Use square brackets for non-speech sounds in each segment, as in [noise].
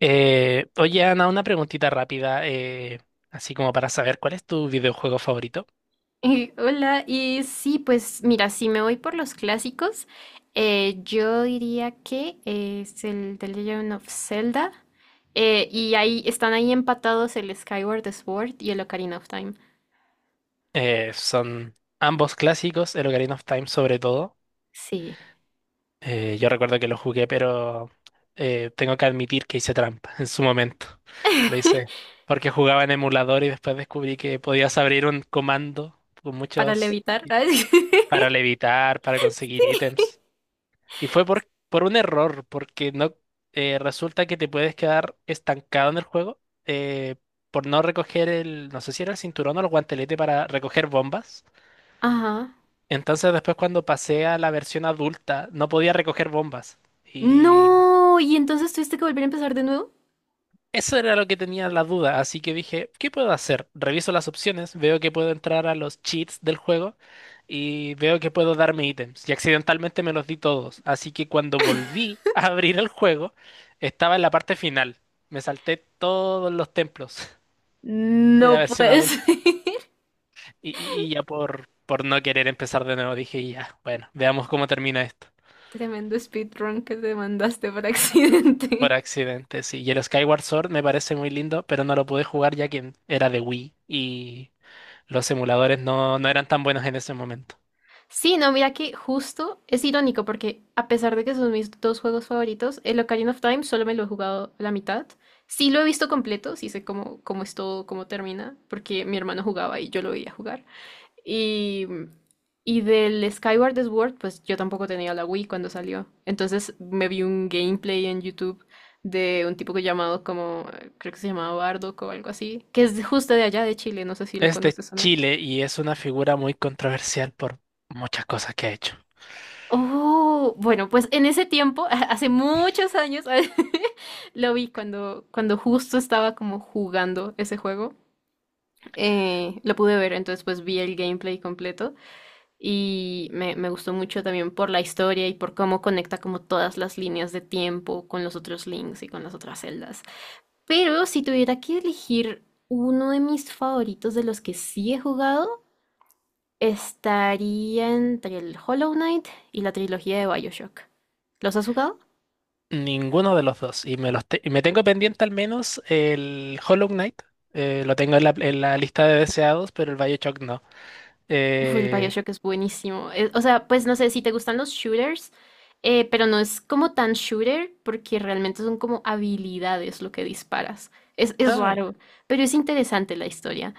Oye, Ana, una preguntita rápida, así como para saber cuál es tu videojuego favorito. [laughs] Hola, y sí, pues mira, si me voy por los clásicos, yo diría que es el The Legend of Zelda, y ahí están ahí empatados el Skyward Sword y el Ocarina of Time. Son ambos clásicos, el Ocarina of Time sobre todo. Sí. Yo recuerdo que lo jugué, pero tengo que admitir que hice trampa [laughs] en su momento. Lo hice [laughs] porque jugaba en emulador y después descubrí que podías abrir un comando con Para muchos levitar. [laughs] Ay, para levitar, para conseguir ítems. Y fue por un error, porque no resulta que te puedes quedar estancado en el juego por no recoger el, no sé si era el cinturón o el guantelete para recoger bombas. ajá. Entonces después cuando pasé a la versión adulta no podía recoger bombas. Y No, y entonces tuviste que volver a empezar de nuevo. eso era lo que tenía la duda, así que dije, ¿qué puedo hacer? Reviso las opciones, veo que puedo entrar a los cheats del juego y veo que puedo darme ítems. Y accidentalmente me los di todos, así que cuando volví [laughs] a abrir el juego, estaba en la parte final. Me salté todos los templos [laughs] de la No versión puedes. [laughs] adulta y ya por no querer empezar de nuevo dije, ya, bueno, veamos cómo termina esto. Tremendo speedrun que te mandaste por accidente. Por accidente, sí. Y el Skyward Sword me parece muy lindo, pero no lo pude jugar ya que era de Wii y... Los emuladores no eran tan buenos en ese momento. Sí, no, mira que justo es irónico porque a pesar de que son mis dos juegos favoritos, el Ocarina of Time solo me lo he jugado la mitad. Sí lo he visto completo, sí sé cómo es todo, cómo termina, porque mi hermano jugaba y yo lo veía jugar. Y, y del Skyward Sword, pues yo tampoco tenía la Wii cuando salió. Entonces me vi un gameplay en YouTube de un tipo que llamado como, creo que se llamaba Bardock o algo así, que es justo de allá de Chile, no sé si lo Es de conoces o no. Chile y es una figura muy controversial por muchas cosas que ha hecho. Oh, bueno, pues en ese tiempo, [laughs] hace muchos años, [laughs] lo vi cuando, justo estaba como jugando ese juego. Lo pude ver, entonces pues vi el gameplay completo y me gustó mucho también por la historia y por cómo conecta como todas las líneas de tiempo con los otros links y con las otras celdas. Pero si tuviera que elegir uno de mis favoritos de los que sí he jugado, estaría entre el Hollow Knight y la trilogía de BioShock. ¿Los has jugado? Ninguno de los dos. Y me tengo pendiente al menos el Hollow Knight. Lo tengo en en la lista de deseados, pero el BioShock no. Uf, el Eh, BioShock es buenísimo. O sea, pues no sé si te gustan los shooters, pero no es como tan shooter porque realmente son como habilidades lo que disparas. Es ay, raro, pero es interesante la historia.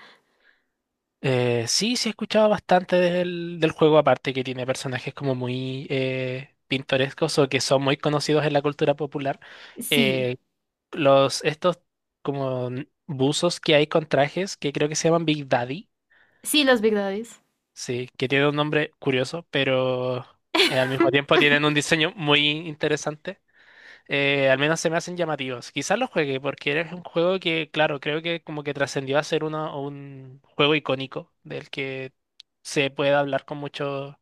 sí, sí he escuchado bastante del juego, aparte que tiene personajes como muy pintorescos o que son muy conocidos en la cultura popular. Sí, Eh, Estos como buzos que hay con trajes que creo que se llaman Big Daddy, sí, las verdades. sí, que tiene un nombre curioso, pero al mismo [laughs] tiempo tienen un diseño muy interesante. Al menos se me hacen llamativos. Quizás lo juegue porque es un juego que, claro, creo que como que trascendió a ser un juego icónico del que se puede hablar con mucho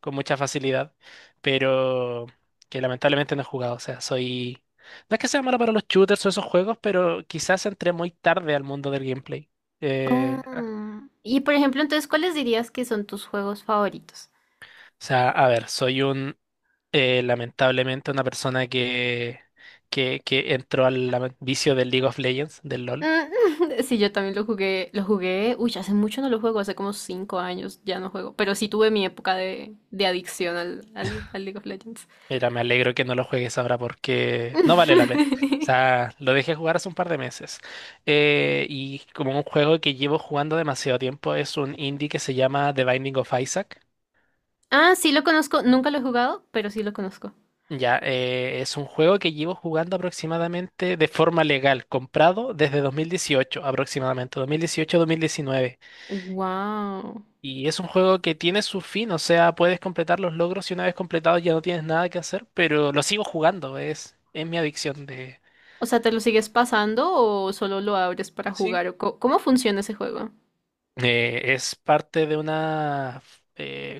con mucha facilidad, pero que lamentablemente no he jugado. O sea, soy... No es que sea malo para los shooters o esos juegos, pero quizás entré muy tarde al mundo del gameplay. Oh, Eh, o y por ejemplo, entonces, ¿cuáles dirías que son tus juegos favoritos? A ver, soy un... Lamentablemente una persona que entró al vicio del League of Legends, del LOL. Mm, [laughs] sí, yo también lo jugué, uy, hace mucho no lo juego, hace como 5 años ya no juego, pero sí tuve mi época de adicción al League of Legends. Mira, me alegro que no lo juegues ahora porque no vale la pena. O [laughs] sea, lo dejé jugar hace un par de meses. Y como un juego que llevo jugando demasiado tiempo, es un indie que se llama The Binding of Isaac. Ah, sí lo conozco, nunca lo he jugado, pero sí lo conozco. Ya, es un juego que llevo jugando aproximadamente de forma legal, comprado desde 2018, aproximadamente, 2018-2019. Wow. Y es un juego que tiene su fin, o sea, puedes completar los logros y una vez completados ya no tienes nada que hacer, pero lo sigo jugando, es mi adicción de... O sea, ¿te lo sigues pasando o solo lo abres para sí. jugar? ¿Cómo funciona ese juego? Es parte de una eh,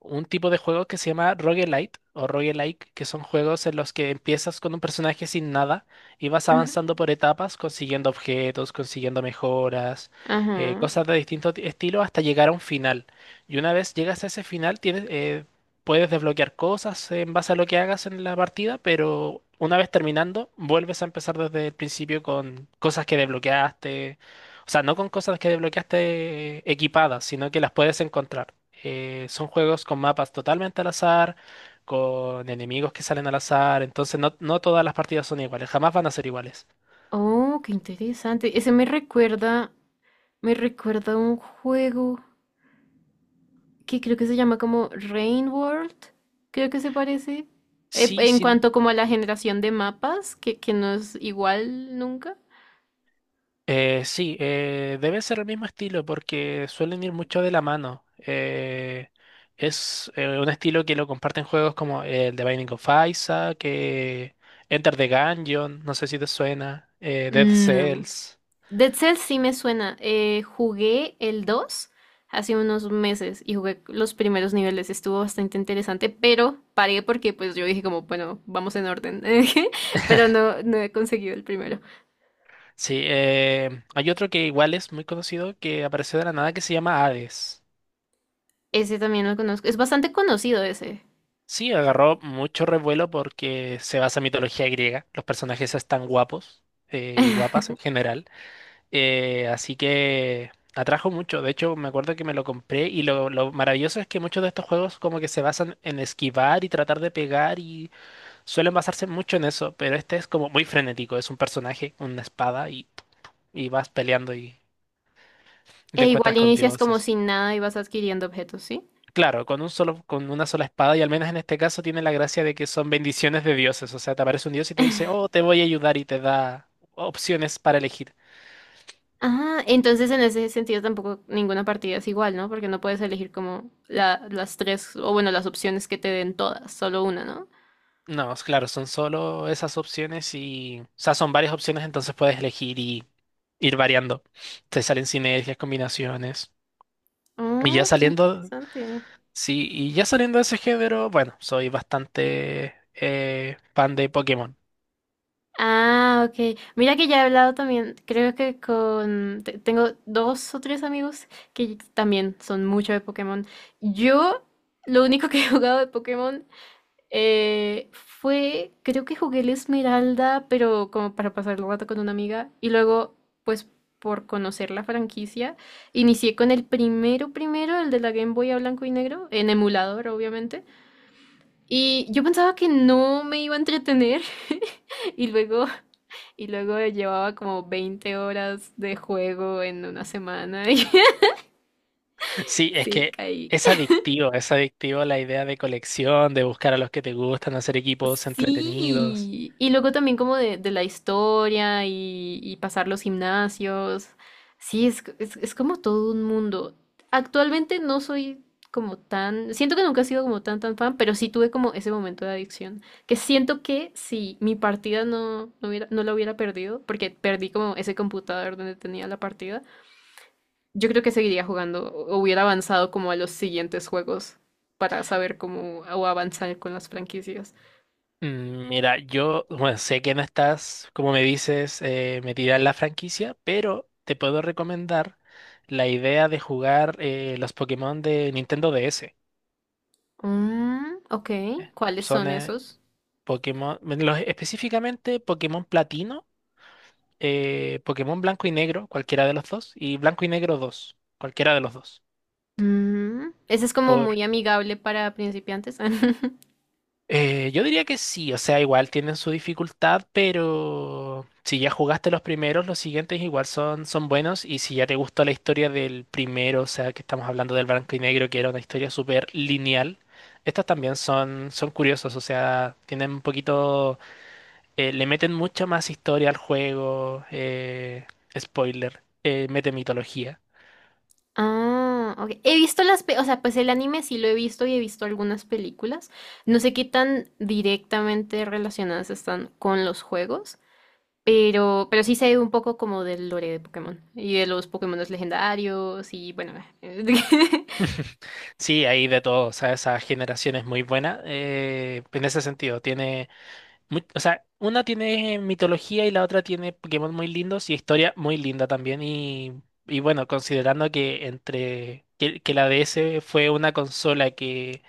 un tipo de juego que se llama roguelite o roguelike, que son juegos en los que empiezas con un personaje sin nada y vas Ujú. avanzando por etapas, consiguiendo objetos, consiguiendo mejoras, Ajá. cosas de distinto estilo hasta llegar a un final. Y una vez llegas a ese final, puedes desbloquear cosas en base a lo que hagas en la partida, pero una vez terminando, vuelves a empezar desde el principio con cosas que desbloqueaste, o sea, no con cosas que desbloqueaste equipadas, sino que las puedes encontrar. Son juegos con mapas totalmente al azar, con enemigos que salen al azar, entonces no todas las partidas son iguales, jamás van a ser iguales. Oh, qué interesante. Ese me recuerda a un juego que creo que se llama como Rain World, creo que se parece. Sí, En sí, cuanto como a la generación de mapas, que no es igual nunca. Sí, debe ser el mismo estilo porque suelen ir mucho de la mano. Es Un estilo que lo comparten juegos como el The Binding of Isaac, que Enter the Gungeon, no sé si te suena, Dead No. Cells. Dead Cells sí me suena. Jugué el 2 hace unos meses y jugué los primeros niveles. Estuvo bastante interesante, pero paré porque pues yo dije como, bueno, vamos en orden. [laughs] Pero no, no he conseguido el primero. Sí, hay otro que igual es muy conocido que apareció de la nada que se llama Hades. Ese también lo conozco. Es bastante conocido ese. Sí, agarró mucho revuelo porque se basa en mitología griega. Los personajes están guapos y guapas en [laughs] general. Así que atrajo mucho. De hecho, me acuerdo que me lo compré y lo maravilloso es que muchos de estos juegos como que se basan en esquivar y tratar de pegar y suelen basarse mucho en eso. Pero este es como muy frenético. Es un personaje, una espada y vas peleando y E te encuentras igual con inicias como dioses. sin nada y vas adquiriendo objetos, ¿sí? Claro, con una sola espada, y al menos en este caso tiene la gracia de que son bendiciones de dioses. O sea, te aparece un dios y te dice, oh, te voy a ayudar y te da opciones para elegir. Ah, entonces en ese sentido tampoco ninguna partida es igual, ¿no? Porque no puedes elegir como las tres, o bueno, las opciones que te den todas, solo una, ¿no? No, es claro, son solo esas opciones y, o sea, son varias opciones, entonces puedes elegir y ir variando. Te salen sinergias, combinaciones. Y ya Oh, qué saliendo, interesante. sí, y ya saliendo de ese género, bueno, soy bastante fan de Pokémon. Ah, ok. Mira que ya he hablado también, creo que tengo dos o tres amigos que también son mucho de Pokémon. Yo, lo único que he jugado de Pokémon, fue, creo que jugué el Esmeralda, pero como para pasar el rato con una amiga. Y luego, pues por conocer la franquicia, inicié con el primero, primero, el de la Game Boy a blanco y negro, en emulador, obviamente. Y yo pensaba que no me iba a entretener. [laughs] Y luego, y luego, llevaba como 20 horas de juego en una semana. [laughs] Y Sí, es sí, que caí. Es adictivo la idea de colección, de buscar a los que te gustan, hacer equipos entretenidos. Sí, y luego también como de la historia y pasar los gimnasios. Sí, es como todo un mundo. Actualmente no soy como tan, siento que nunca he sido como tan tan fan, pero sí tuve como ese momento de adicción, que siento que si mi partida no la hubiera perdido, porque perdí como ese computador donde tenía la partida, yo creo que seguiría jugando o hubiera avanzado como a los siguientes juegos para saber cómo o avanzar con las franquicias. Mm, mira, yo, bueno, sé que no estás, como me dices, metida en la franquicia, pero te puedo recomendar la idea de jugar los Pokémon de Nintendo DS. Mm, ok, ¿cuáles Son son esos? Pokémon, bueno, específicamente Pokémon Platino, Pokémon Blanco y Negro, cualquiera de los dos, y Blanco y Negro 2, cualquiera de los dos. Mm, ese es como muy amigable para principiantes. [laughs] Yo diría que sí, o sea, igual tienen su dificultad, pero si ya jugaste los primeros, los siguientes igual son buenos y si ya te gustó la historia del primero, o sea, que estamos hablando del blanco y negro, que era una historia súper lineal, estas también son curiosos, o sea, tienen un poquito, le meten mucha más historia al juego, spoiler, mete mitología. Ah, ok. He visto las, o sea, pues el anime sí lo he visto y he visto algunas películas. No sé qué tan directamente relacionadas están con los juegos, pero, sí sé un poco como del lore de Pokémon y de los Pokémon legendarios y bueno. [laughs] Sí, hay de todo, o sea, esa generación es muy buena, en ese sentido, tiene... O sea, una tiene mitología y la otra tiene Pokémon muy lindos y historia muy linda también. Y bueno, considerando que que la DS fue una consola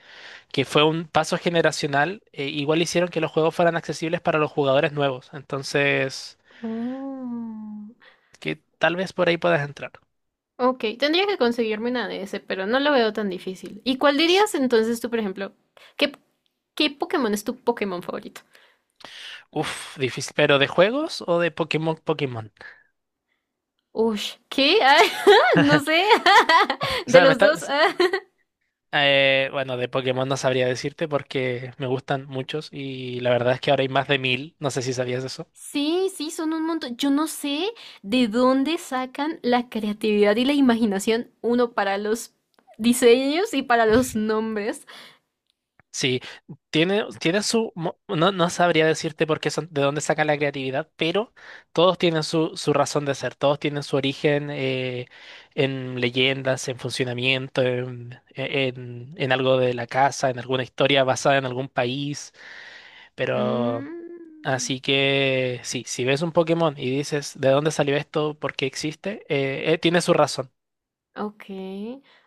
que fue un paso generacional, igual hicieron que los juegos fueran accesibles para los jugadores nuevos. Entonces, Oh. que tal vez por ahí puedas entrar. Ok, tendría que conseguirme una de ese, pero no lo veo tan difícil. ¿Y cuál dirías entonces tú, por ejemplo? ¿Qué, Pokémon es tu Pokémon favorito? Uf, difícil. ¿Pero de juegos o de Pokémon? Uy, ¿qué? [laughs] Ah, no sé. [laughs] O De sea, los dos. [laughs] Ah. eh, bueno, de Pokémon no sabría decirte porque me gustan muchos y la verdad es que ahora hay más de 1000. No sé si sabías eso. Sí, sí, son un montón. Yo no sé de dónde sacan la creatividad y la imaginación, uno para los diseños y para los nombres. Sí, tiene su... No, no sabría decirte por qué son, de dónde sacan la creatividad, pero todos tienen su razón de ser, todos tienen su origen en leyendas, en funcionamiento, en algo de la casa, en alguna historia basada en algún país. Pero Mm. así que sí, si ves un Pokémon y dices ¿de dónde salió esto? ¿Por qué existe? Tiene su razón. Ok.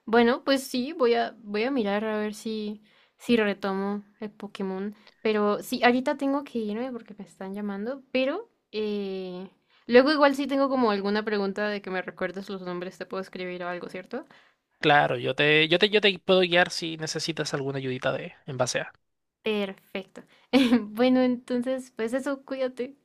Bueno, pues sí, voy a mirar a ver si, si retomo el Pokémon. Pero sí, ahorita tengo que irme porque me están llamando, pero luego igual si tengo como alguna pregunta de que me recuerdes los nombres, te puedo escribir o algo, ¿cierto? Claro, yo te puedo guiar si necesitas alguna ayudita de en base a. Perfecto. [laughs] Bueno, entonces, pues eso, cuídate.